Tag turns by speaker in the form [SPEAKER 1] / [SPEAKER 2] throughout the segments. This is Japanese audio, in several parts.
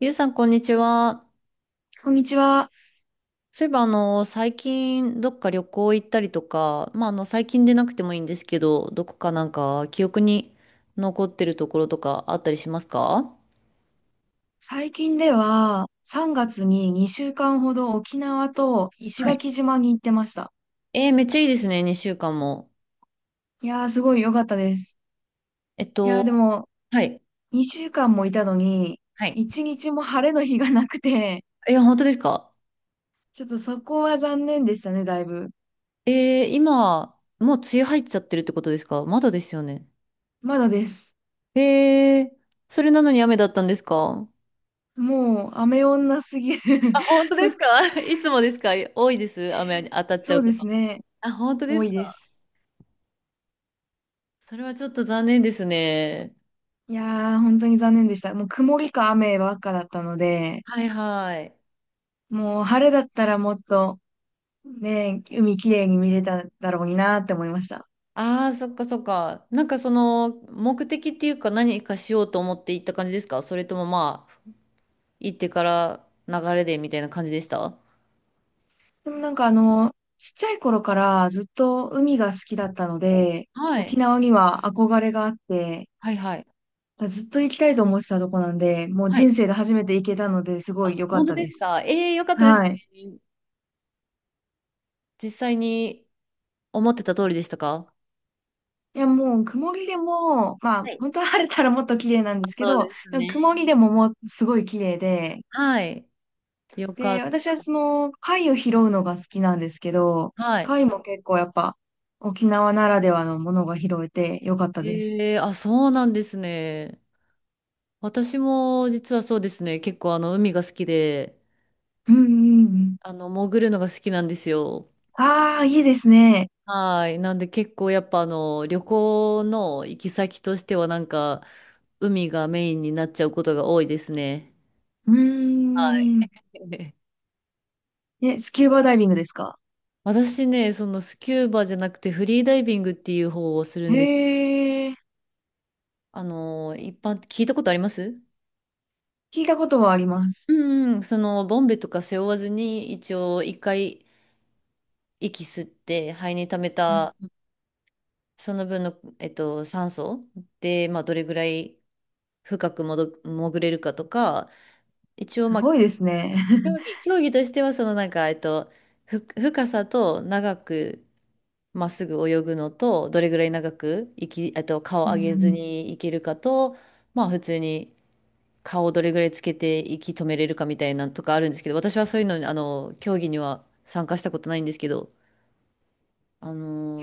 [SPEAKER 1] ゆうさん、こんにちは。
[SPEAKER 2] こんにちは。
[SPEAKER 1] そういえば、最近、どっか旅行行ったりとか、まあ、最近でなくてもいいんですけど、どこかなんか、記憶に残ってるところとかあったりしますか？
[SPEAKER 2] 最近では3月に2週間ほど沖縄と石
[SPEAKER 1] はい。
[SPEAKER 2] 垣島に行ってました。
[SPEAKER 1] えー、めっちゃいいですね、2週間も。
[SPEAKER 2] いやーすごい良かったです。
[SPEAKER 1] えっ
[SPEAKER 2] いやーで
[SPEAKER 1] と、
[SPEAKER 2] も
[SPEAKER 1] はい。
[SPEAKER 2] 2週間もいたのに
[SPEAKER 1] はい。
[SPEAKER 2] 1日も晴れの日がなくて、
[SPEAKER 1] え、本当ですか？
[SPEAKER 2] ちょっとそこは残念でしたね、だいぶ。
[SPEAKER 1] えー、今、もう梅雨入っちゃってるってことですか？まだですよね。
[SPEAKER 2] まだです。
[SPEAKER 1] えー、それなのに雨だったんですか？
[SPEAKER 2] もう雨女すぎる。
[SPEAKER 1] あ、本当ですか？ いつもですか？多いです、雨に当た っち
[SPEAKER 2] そ
[SPEAKER 1] ゃう
[SPEAKER 2] う
[SPEAKER 1] こ
[SPEAKER 2] です
[SPEAKER 1] と。
[SPEAKER 2] ね。
[SPEAKER 1] あ、本当で
[SPEAKER 2] 多
[SPEAKER 1] す
[SPEAKER 2] いで
[SPEAKER 1] か？
[SPEAKER 2] す。
[SPEAKER 1] それはちょっと残念ですね。
[SPEAKER 2] いやー本当に残念でした。もう曇りか雨ばっかだったので、
[SPEAKER 1] はいはい。
[SPEAKER 2] もう晴れだったらもっとね、海きれいに見れただろうになって思いました。
[SPEAKER 1] ああ、そっかそっか。なんかその目的っていうか何かしようと思って行った感じですか？それともまあ、行ってから流れでみたいな感じでした？
[SPEAKER 2] でもなんかちっちゃい頃からずっと海が好きだったので、
[SPEAKER 1] はい。
[SPEAKER 2] 沖縄には憧れがあって、
[SPEAKER 1] はいはい。
[SPEAKER 2] ずっと行きたいと思ってたとこなんで、もう
[SPEAKER 1] は
[SPEAKER 2] 人
[SPEAKER 1] い。
[SPEAKER 2] 生で初めて行けたのですごい良かっ
[SPEAKER 1] 本当
[SPEAKER 2] た
[SPEAKER 1] で
[SPEAKER 2] で
[SPEAKER 1] す
[SPEAKER 2] す。
[SPEAKER 1] か？ええー、よかったです
[SPEAKER 2] はい。
[SPEAKER 1] ね。実際に思ってた通りでしたか？
[SPEAKER 2] いやもう曇りでも、まあ
[SPEAKER 1] はい、
[SPEAKER 2] 本当は晴れたらもっと綺麗なんで
[SPEAKER 1] あ、
[SPEAKER 2] すけ
[SPEAKER 1] そう
[SPEAKER 2] ど、
[SPEAKER 1] です
[SPEAKER 2] でも曇り
[SPEAKER 1] ね。
[SPEAKER 2] でももうすごい綺麗で、
[SPEAKER 1] はい。よか
[SPEAKER 2] で、
[SPEAKER 1] っ
[SPEAKER 2] 私はその貝を拾うのが好きなんですけど、
[SPEAKER 1] た。はい。
[SPEAKER 2] 貝も結構やっぱ沖縄ならではのものが拾えてよかったです。
[SPEAKER 1] ええ、あ、そうなんですね。私も実はそうですね。結構海が好きで、
[SPEAKER 2] うんうんうん。
[SPEAKER 1] 潜るのが好きなんですよ。
[SPEAKER 2] ああ、いいですね。
[SPEAKER 1] はい。なんで結構やっぱ旅行の行き先としてはなんか、海がメインになっちゃうことが多いですね。
[SPEAKER 2] うー
[SPEAKER 1] はい。
[SPEAKER 2] ん。え、スキューバダイビングですか？
[SPEAKER 1] 私ね、そのスキューバじゃなくてフリーダイビングっていう方をするんです。
[SPEAKER 2] へえ、
[SPEAKER 1] 一般、聞いたことあります？
[SPEAKER 2] 聞いたことはありま
[SPEAKER 1] う
[SPEAKER 2] す。
[SPEAKER 1] んうん、そのボンベとか背負わずに一応一回息吸って肺に溜め
[SPEAKER 2] うん、
[SPEAKER 1] たその分の、酸素で、まあ、どれぐらい深くも潜れるかとか一応、
[SPEAKER 2] す
[SPEAKER 1] ま
[SPEAKER 2] ごい
[SPEAKER 1] あ、
[SPEAKER 2] ですね。
[SPEAKER 1] 競技としては、そのなんか、深さと長くまっすぐ泳ぐのと、どれぐらい長くいき、えっと、顔
[SPEAKER 2] う
[SPEAKER 1] 上げず
[SPEAKER 2] ん
[SPEAKER 1] にいけるかと、まあ、普通に顔をどれぐらいつけて息止めれるかみたいなのとかあるんですけど、私はそういうのに、競技には参加したことないんですけど、あ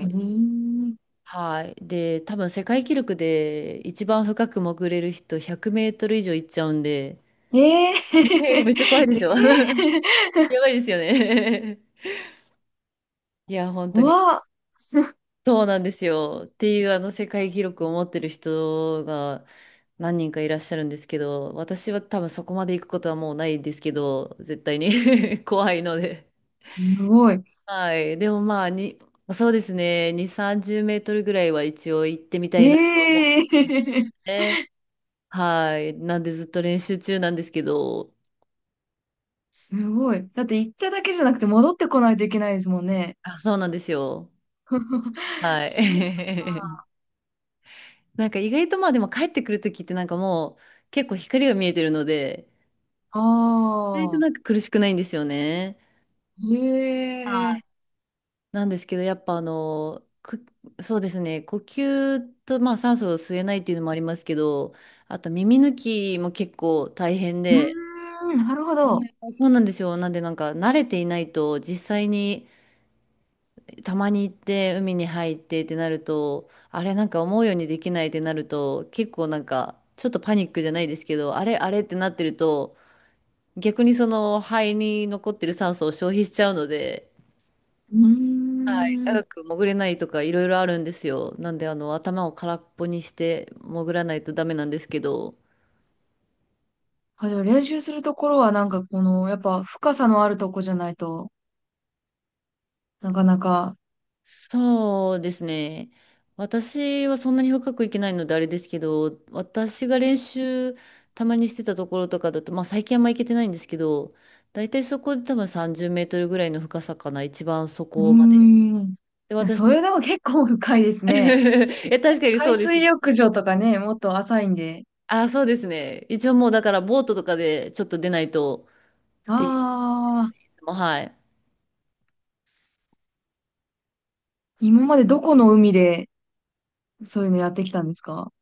[SPEAKER 2] うん、
[SPEAKER 1] はい。で、多分世界記録で一番深く潜れる人100メートル以上行っちゃうんで、
[SPEAKER 2] へえ。えー、
[SPEAKER 1] めっち
[SPEAKER 2] え
[SPEAKER 1] ゃ怖いでしょ？ やばいですよね？ いや、本
[SPEAKER 2] ー、
[SPEAKER 1] 当
[SPEAKER 2] う
[SPEAKER 1] に。
[SPEAKER 2] わ、
[SPEAKER 1] そうなんですよ。っていうあの世界記録を持ってる人が何人かいらっしゃるんですけど、私は多分そこまで行くことはもうないですけど、絶対に 怖いので。
[SPEAKER 2] すごい。
[SPEAKER 1] はい。でもまあ、そうですね。2、30メートルぐらいは一応行ってみたいなと思って
[SPEAKER 2] ええ
[SPEAKER 1] ね。はい。なんでずっと練習中なんですけど、
[SPEAKER 2] すごい。だって行っただけじゃなくて戻ってこないといけないですもんね。
[SPEAKER 1] あ、そうなんですよ。は
[SPEAKER 2] す
[SPEAKER 1] い。なんか意外とまあでも帰ってくるときってなんかもう結構光が見えてるので、意外と
[SPEAKER 2] あ
[SPEAKER 1] なん
[SPEAKER 2] あ
[SPEAKER 1] か苦しくないんですよね。
[SPEAKER 2] ー、へ
[SPEAKER 1] は
[SPEAKER 2] え。
[SPEAKER 1] い。なんですけど、やっぱそうですね、呼吸と、まあ、酸素を吸えないっていうのもありますけど、あと耳抜きも結構大変
[SPEAKER 2] うー
[SPEAKER 1] で、
[SPEAKER 2] ん、なるほど。
[SPEAKER 1] うん そうなんですよ。なんでなんか慣れていないと、実際にたまに行って海に入ってってなると、あれなんか思うようにできないってなると、結構なんかちょっとパニックじゃないですけど、あれあれってなってると、逆にその肺に残ってる酸素を消費しちゃうので、
[SPEAKER 2] うー
[SPEAKER 1] はい、
[SPEAKER 2] ん。
[SPEAKER 1] 長く潜れないとかいろいろあるんですよ。なんで頭を空っぽにして潜らないとダメなんですけど。
[SPEAKER 2] あ、じゃあ練習するところはなんかこの、やっぱ深さのあるとこじゃないとなかなか。
[SPEAKER 1] そうですね。私はそんなに深くいけないのであれですけど、私が練習たまにしてたところとかだと、まあ最近あんま行けてないんですけど、だいたいそこで多分30メートルぐらいの深さかな、一番そ
[SPEAKER 2] うー
[SPEAKER 1] こまで。
[SPEAKER 2] ん。
[SPEAKER 1] で、
[SPEAKER 2] いや、
[SPEAKER 1] 私
[SPEAKER 2] そ
[SPEAKER 1] も、
[SPEAKER 2] れでも結構深いです
[SPEAKER 1] い
[SPEAKER 2] ね。
[SPEAKER 1] や、確かにそ
[SPEAKER 2] 海
[SPEAKER 1] うで
[SPEAKER 2] 水
[SPEAKER 1] す。
[SPEAKER 2] 浴場とかね、もっと浅いんで。
[SPEAKER 1] あ、そうですね。一応もうだからボートとかでちょっと出ないとっていうです
[SPEAKER 2] あ
[SPEAKER 1] ね。
[SPEAKER 2] あ、
[SPEAKER 1] いつも、はい。
[SPEAKER 2] 今までどこの海でそういうのやってきたんですか？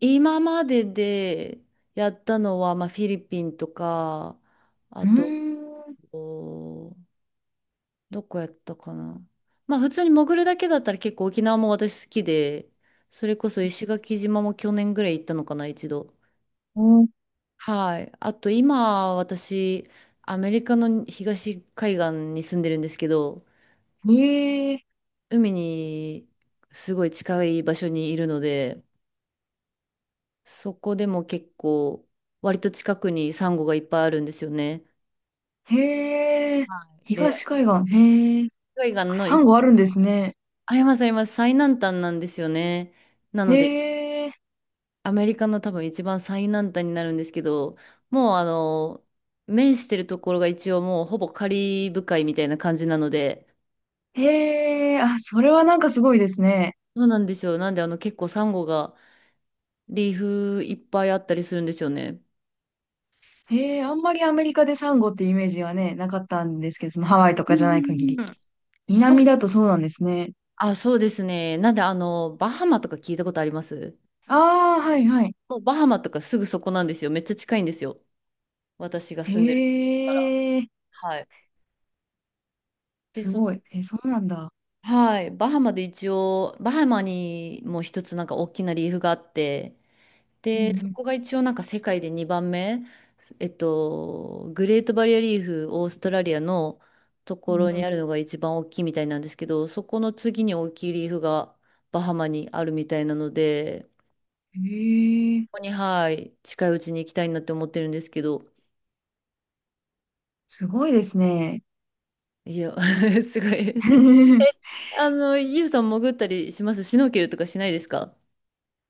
[SPEAKER 1] 今まででやったのは、まあ、フィリピンとか、
[SPEAKER 2] う
[SPEAKER 1] あと、
[SPEAKER 2] ーん。
[SPEAKER 1] おどこやったかな。まあ、普通に潜るだけだったら結構沖縄も私好きで、それこそ石垣島も去年ぐらい行ったのかな、一度。はい。あと、今、私、アメリカの東海岸に住んでるんですけど、
[SPEAKER 2] へえ、
[SPEAKER 1] 海にすごい近い場所にいるので、そこでも結構、割と近くにサンゴがいっぱいあるんですよね。
[SPEAKER 2] へえ、
[SPEAKER 1] で、
[SPEAKER 2] 東海岸、へえ、
[SPEAKER 1] 海岸の、
[SPEAKER 2] サンゴあるんですね。
[SPEAKER 1] ありますあります、最南端なんですよね。な
[SPEAKER 2] へ
[SPEAKER 1] ので、
[SPEAKER 2] え、
[SPEAKER 1] アメリカの多分一番最南端になるんですけど、もう面してるところが一応もうほぼカリブ海みたいな感じなので、
[SPEAKER 2] へえ、あ、それはなんかすごいですね。
[SPEAKER 1] そうなんですよ。なんで結構サンゴがリーフいっぱいあったりするんですよね。
[SPEAKER 2] へえ、あんまりアメリカでサンゴっていうイメージはね、なかったんですけど、そのハワイと
[SPEAKER 1] う
[SPEAKER 2] か
[SPEAKER 1] ん
[SPEAKER 2] じゃな
[SPEAKER 1] う
[SPEAKER 2] い限
[SPEAKER 1] んうん
[SPEAKER 2] り。
[SPEAKER 1] うん、そ
[SPEAKER 2] 南
[SPEAKER 1] う、
[SPEAKER 2] だとそうなんですね。
[SPEAKER 1] あ、そうですね。なんでバハマとか聞いたことあります？
[SPEAKER 2] ああ、はいはい。
[SPEAKER 1] もうバハマとかすぐそこなんですよ。めっちゃ近いんですよ。私が
[SPEAKER 2] へ
[SPEAKER 1] 住んでるところ
[SPEAKER 2] え、
[SPEAKER 1] から。はい。で、
[SPEAKER 2] すごい。え、そうなんだ。
[SPEAKER 1] はい、バハマで一応、バハマにも一つなんか大きなリーフがあって、
[SPEAKER 2] う
[SPEAKER 1] で、そ
[SPEAKER 2] ん
[SPEAKER 1] こが一応なんか世界で2番目、グレートバリアリーフ、オーストラリアのと
[SPEAKER 2] う
[SPEAKER 1] ころ
[SPEAKER 2] ん、う
[SPEAKER 1] にある
[SPEAKER 2] ん
[SPEAKER 1] のが一番大きいみたいなんですけど、そこの次に大きいリーフがバハマにあるみたいなので、
[SPEAKER 2] うん。へえ、
[SPEAKER 1] ここに、はい、近いうちに行きたいなって思ってるんですけど、
[SPEAKER 2] すごいですね。
[SPEAKER 1] いや、すごい。ユウさん潜ったりします？シュノーケルとかしないですか？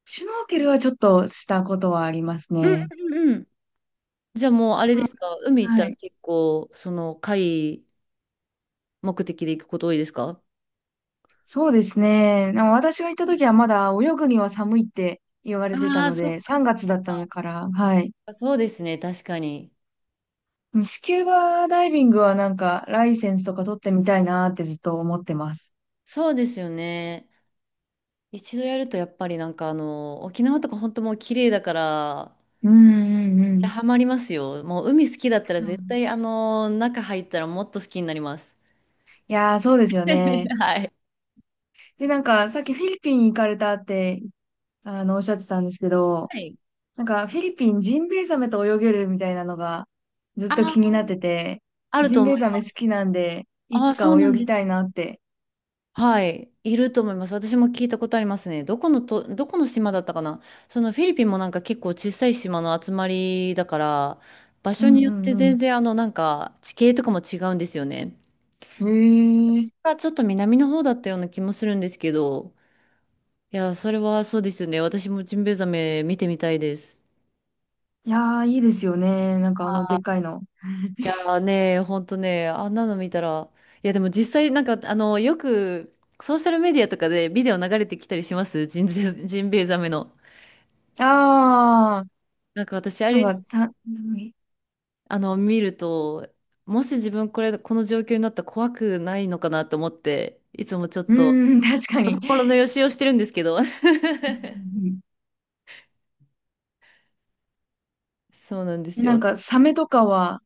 [SPEAKER 2] シュノーケルはちょっとしたことはあります
[SPEAKER 1] うん
[SPEAKER 2] ね。
[SPEAKER 1] うんうん。じゃあもうあれ
[SPEAKER 2] う
[SPEAKER 1] で
[SPEAKER 2] ん、
[SPEAKER 1] すか、海行った
[SPEAKER 2] は
[SPEAKER 1] ら
[SPEAKER 2] い。
[SPEAKER 1] 結構、その海目的で行くこと多いですか？
[SPEAKER 2] そうですね。でも私が行った時はまだ泳ぐには寒いって言われてた
[SPEAKER 1] ああー、
[SPEAKER 2] の
[SPEAKER 1] そっ
[SPEAKER 2] で、
[SPEAKER 1] かそ
[SPEAKER 2] 3
[SPEAKER 1] っ
[SPEAKER 2] 月だったのから、はい。
[SPEAKER 1] か、そうですね、確かに。
[SPEAKER 2] スキューバダイビングはなんかライセンスとか取ってみたいなーってずっと思ってます。
[SPEAKER 1] そうですよね。一度やるとやっぱりなんか沖縄とか本当もう綺麗だから、
[SPEAKER 2] うんうんう
[SPEAKER 1] じゃ
[SPEAKER 2] ん。
[SPEAKER 1] あハマりますよ。もう海好きだったら
[SPEAKER 2] う
[SPEAKER 1] 絶
[SPEAKER 2] ん、
[SPEAKER 1] 対中入ったらもっと好きになります。
[SPEAKER 2] いやー、そうですよね。
[SPEAKER 1] はい。
[SPEAKER 2] で、なんかさっきフィリピン行かれたって、おっしゃってたんですけど、
[SPEAKER 1] はい。
[SPEAKER 2] なんかフィリピンジンベエザメと泳げるみたいなのがずっ
[SPEAKER 1] あ
[SPEAKER 2] と
[SPEAKER 1] ー、
[SPEAKER 2] 気になってて、
[SPEAKER 1] ある
[SPEAKER 2] ジ
[SPEAKER 1] と
[SPEAKER 2] ンベ
[SPEAKER 1] 思
[SPEAKER 2] エ
[SPEAKER 1] い
[SPEAKER 2] ザメ
[SPEAKER 1] ま
[SPEAKER 2] 好
[SPEAKER 1] す。
[SPEAKER 2] きなんで、い
[SPEAKER 1] あ
[SPEAKER 2] つ
[SPEAKER 1] あ、そう
[SPEAKER 2] か
[SPEAKER 1] な
[SPEAKER 2] 泳
[SPEAKER 1] んで
[SPEAKER 2] ぎた
[SPEAKER 1] す
[SPEAKER 2] い
[SPEAKER 1] ね。
[SPEAKER 2] なって。
[SPEAKER 1] はい、いると思います。私も聞いたことありますね。どこの島だったかな。そのフィリピンもなんか結構小さい島の集まりだから、場
[SPEAKER 2] う
[SPEAKER 1] 所
[SPEAKER 2] ん
[SPEAKER 1] によ
[SPEAKER 2] う
[SPEAKER 1] っ
[SPEAKER 2] ん
[SPEAKER 1] て
[SPEAKER 2] うん。
[SPEAKER 1] 全然なんか地形とかも違うんですよね。
[SPEAKER 2] へえ。い
[SPEAKER 1] 私がちょっと南の方だったような気もするんですけど、いや、それはそうですよね。私もジンベエザメ見てみたいです。
[SPEAKER 2] やー、いいですよね。なんかあの、でっかいの。
[SPEAKER 1] いやーね、ほんとね、あんなの見たら、いやでも実際なんかよくソーシャルメディアとかでビデオ流れてきたりします？ジンベエザメの。
[SPEAKER 2] あー、
[SPEAKER 1] なんか私あ
[SPEAKER 2] な
[SPEAKER 1] れ
[SPEAKER 2] んか、う
[SPEAKER 1] 見ると、もし自分この状況になったら怖くないのかなと思って、いつもちょっと
[SPEAKER 2] ーん、確かに。
[SPEAKER 1] 心のよしをしてるんですけど。
[SPEAKER 2] うんうん、
[SPEAKER 1] そうなんで
[SPEAKER 2] え、
[SPEAKER 1] す
[SPEAKER 2] なん
[SPEAKER 1] よ。
[SPEAKER 2] か、サメとかは、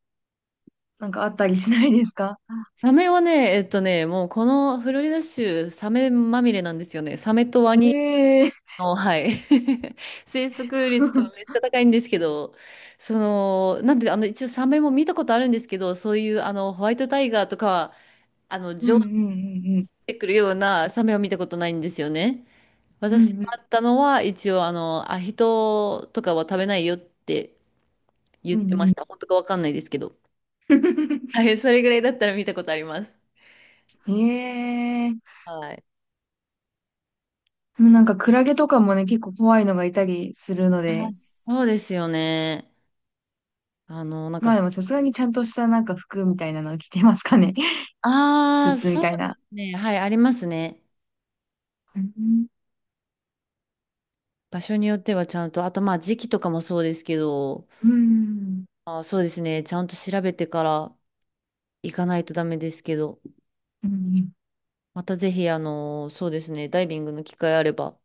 [SPEAKER 2] なんかあったりしないですか？
[SPEAKER 1] サメはね、もうこのフロリダ州、サメまみれなんですよね。サメとワニ
[SPEAKER 2] ええー。
[SPEAKER 1] の、はい。生息率がめっ ちゃ高いんですけど、その、なんで、一応サメも見たことあるんですけど、そういう、ホワイトタイガーとかは、
[SPEAKER 2] う
[SPEAKER 1] 上
[SPEAKER 2] ん
[SPEAKER 1] 手
[SPEAKER 2] うん
[SPEAKER 1] てくるようなサメは見たことないんですよね。
[SPEAKER 2] うんうん。
[SPEAKER 1] 私
[SPEAKER 2] う
[SPEAKER 1] が
[SPEAKER 2] んう
[SPEAKER 1] あ
[SPEAKER 2] ん
[SPEAKER 1] ったのは、一応、ヒトとかは食べないよって言
[SPEAKER 2] う
[SPEAKER 1] ってまし
[SPEAKER 2] ん
[SPEAKER 1] た。本当かわかんないですけど。はい、それぐらいだったら見たことあります。
[SPEAKER 2] うん。ええー。
[SPEAKER 1] はい。
[SPEAKER 2] なんか、クラゲとかもね、結構怖いのがいたりするの
[SPEAKER 1] あ、
[SPEAKER 2] で、
[SPEAKER 1] そうですよね。なんか、
[SPEAKER 2] まあでもさすがにちゃんとしたなんか服みたいなの着てますかね。ス
[SPEAKER 1] あ
[SPEAKER 2] ー
[SPEAKER 1] あ、
[SPEAKER 2] ツみ
[SPEAKER 1] そう
[SPEAKER 2] たい
[SPEAKER 1] で
[SPEAKER 2] な。
[SPEAKER 1] すね。はい、ありますね。
[SPEAKER 2] うんうん。
[SPEAKER 1] 場所によってはちゃんと、あとまあ時期とかもそうですけど、
[SPEAKER 2] う
[SPEAKER 1] あー、そうですね。ちゃんと調べてから行かないとダメですけど、
[SPEAKER 2] うんうん、
[SPEAKER 1] またぜひ、そうですね。ダイビングの機会あれば、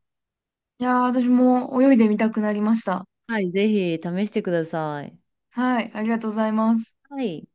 [SPEAKER 2] いやー、私も泳いでみたくなりました。
[SPEAKER 1] はい、ぜひ試してください。
[SPEAKER 2] はい、ありがとうございます。
[SPEAKER 1] はい。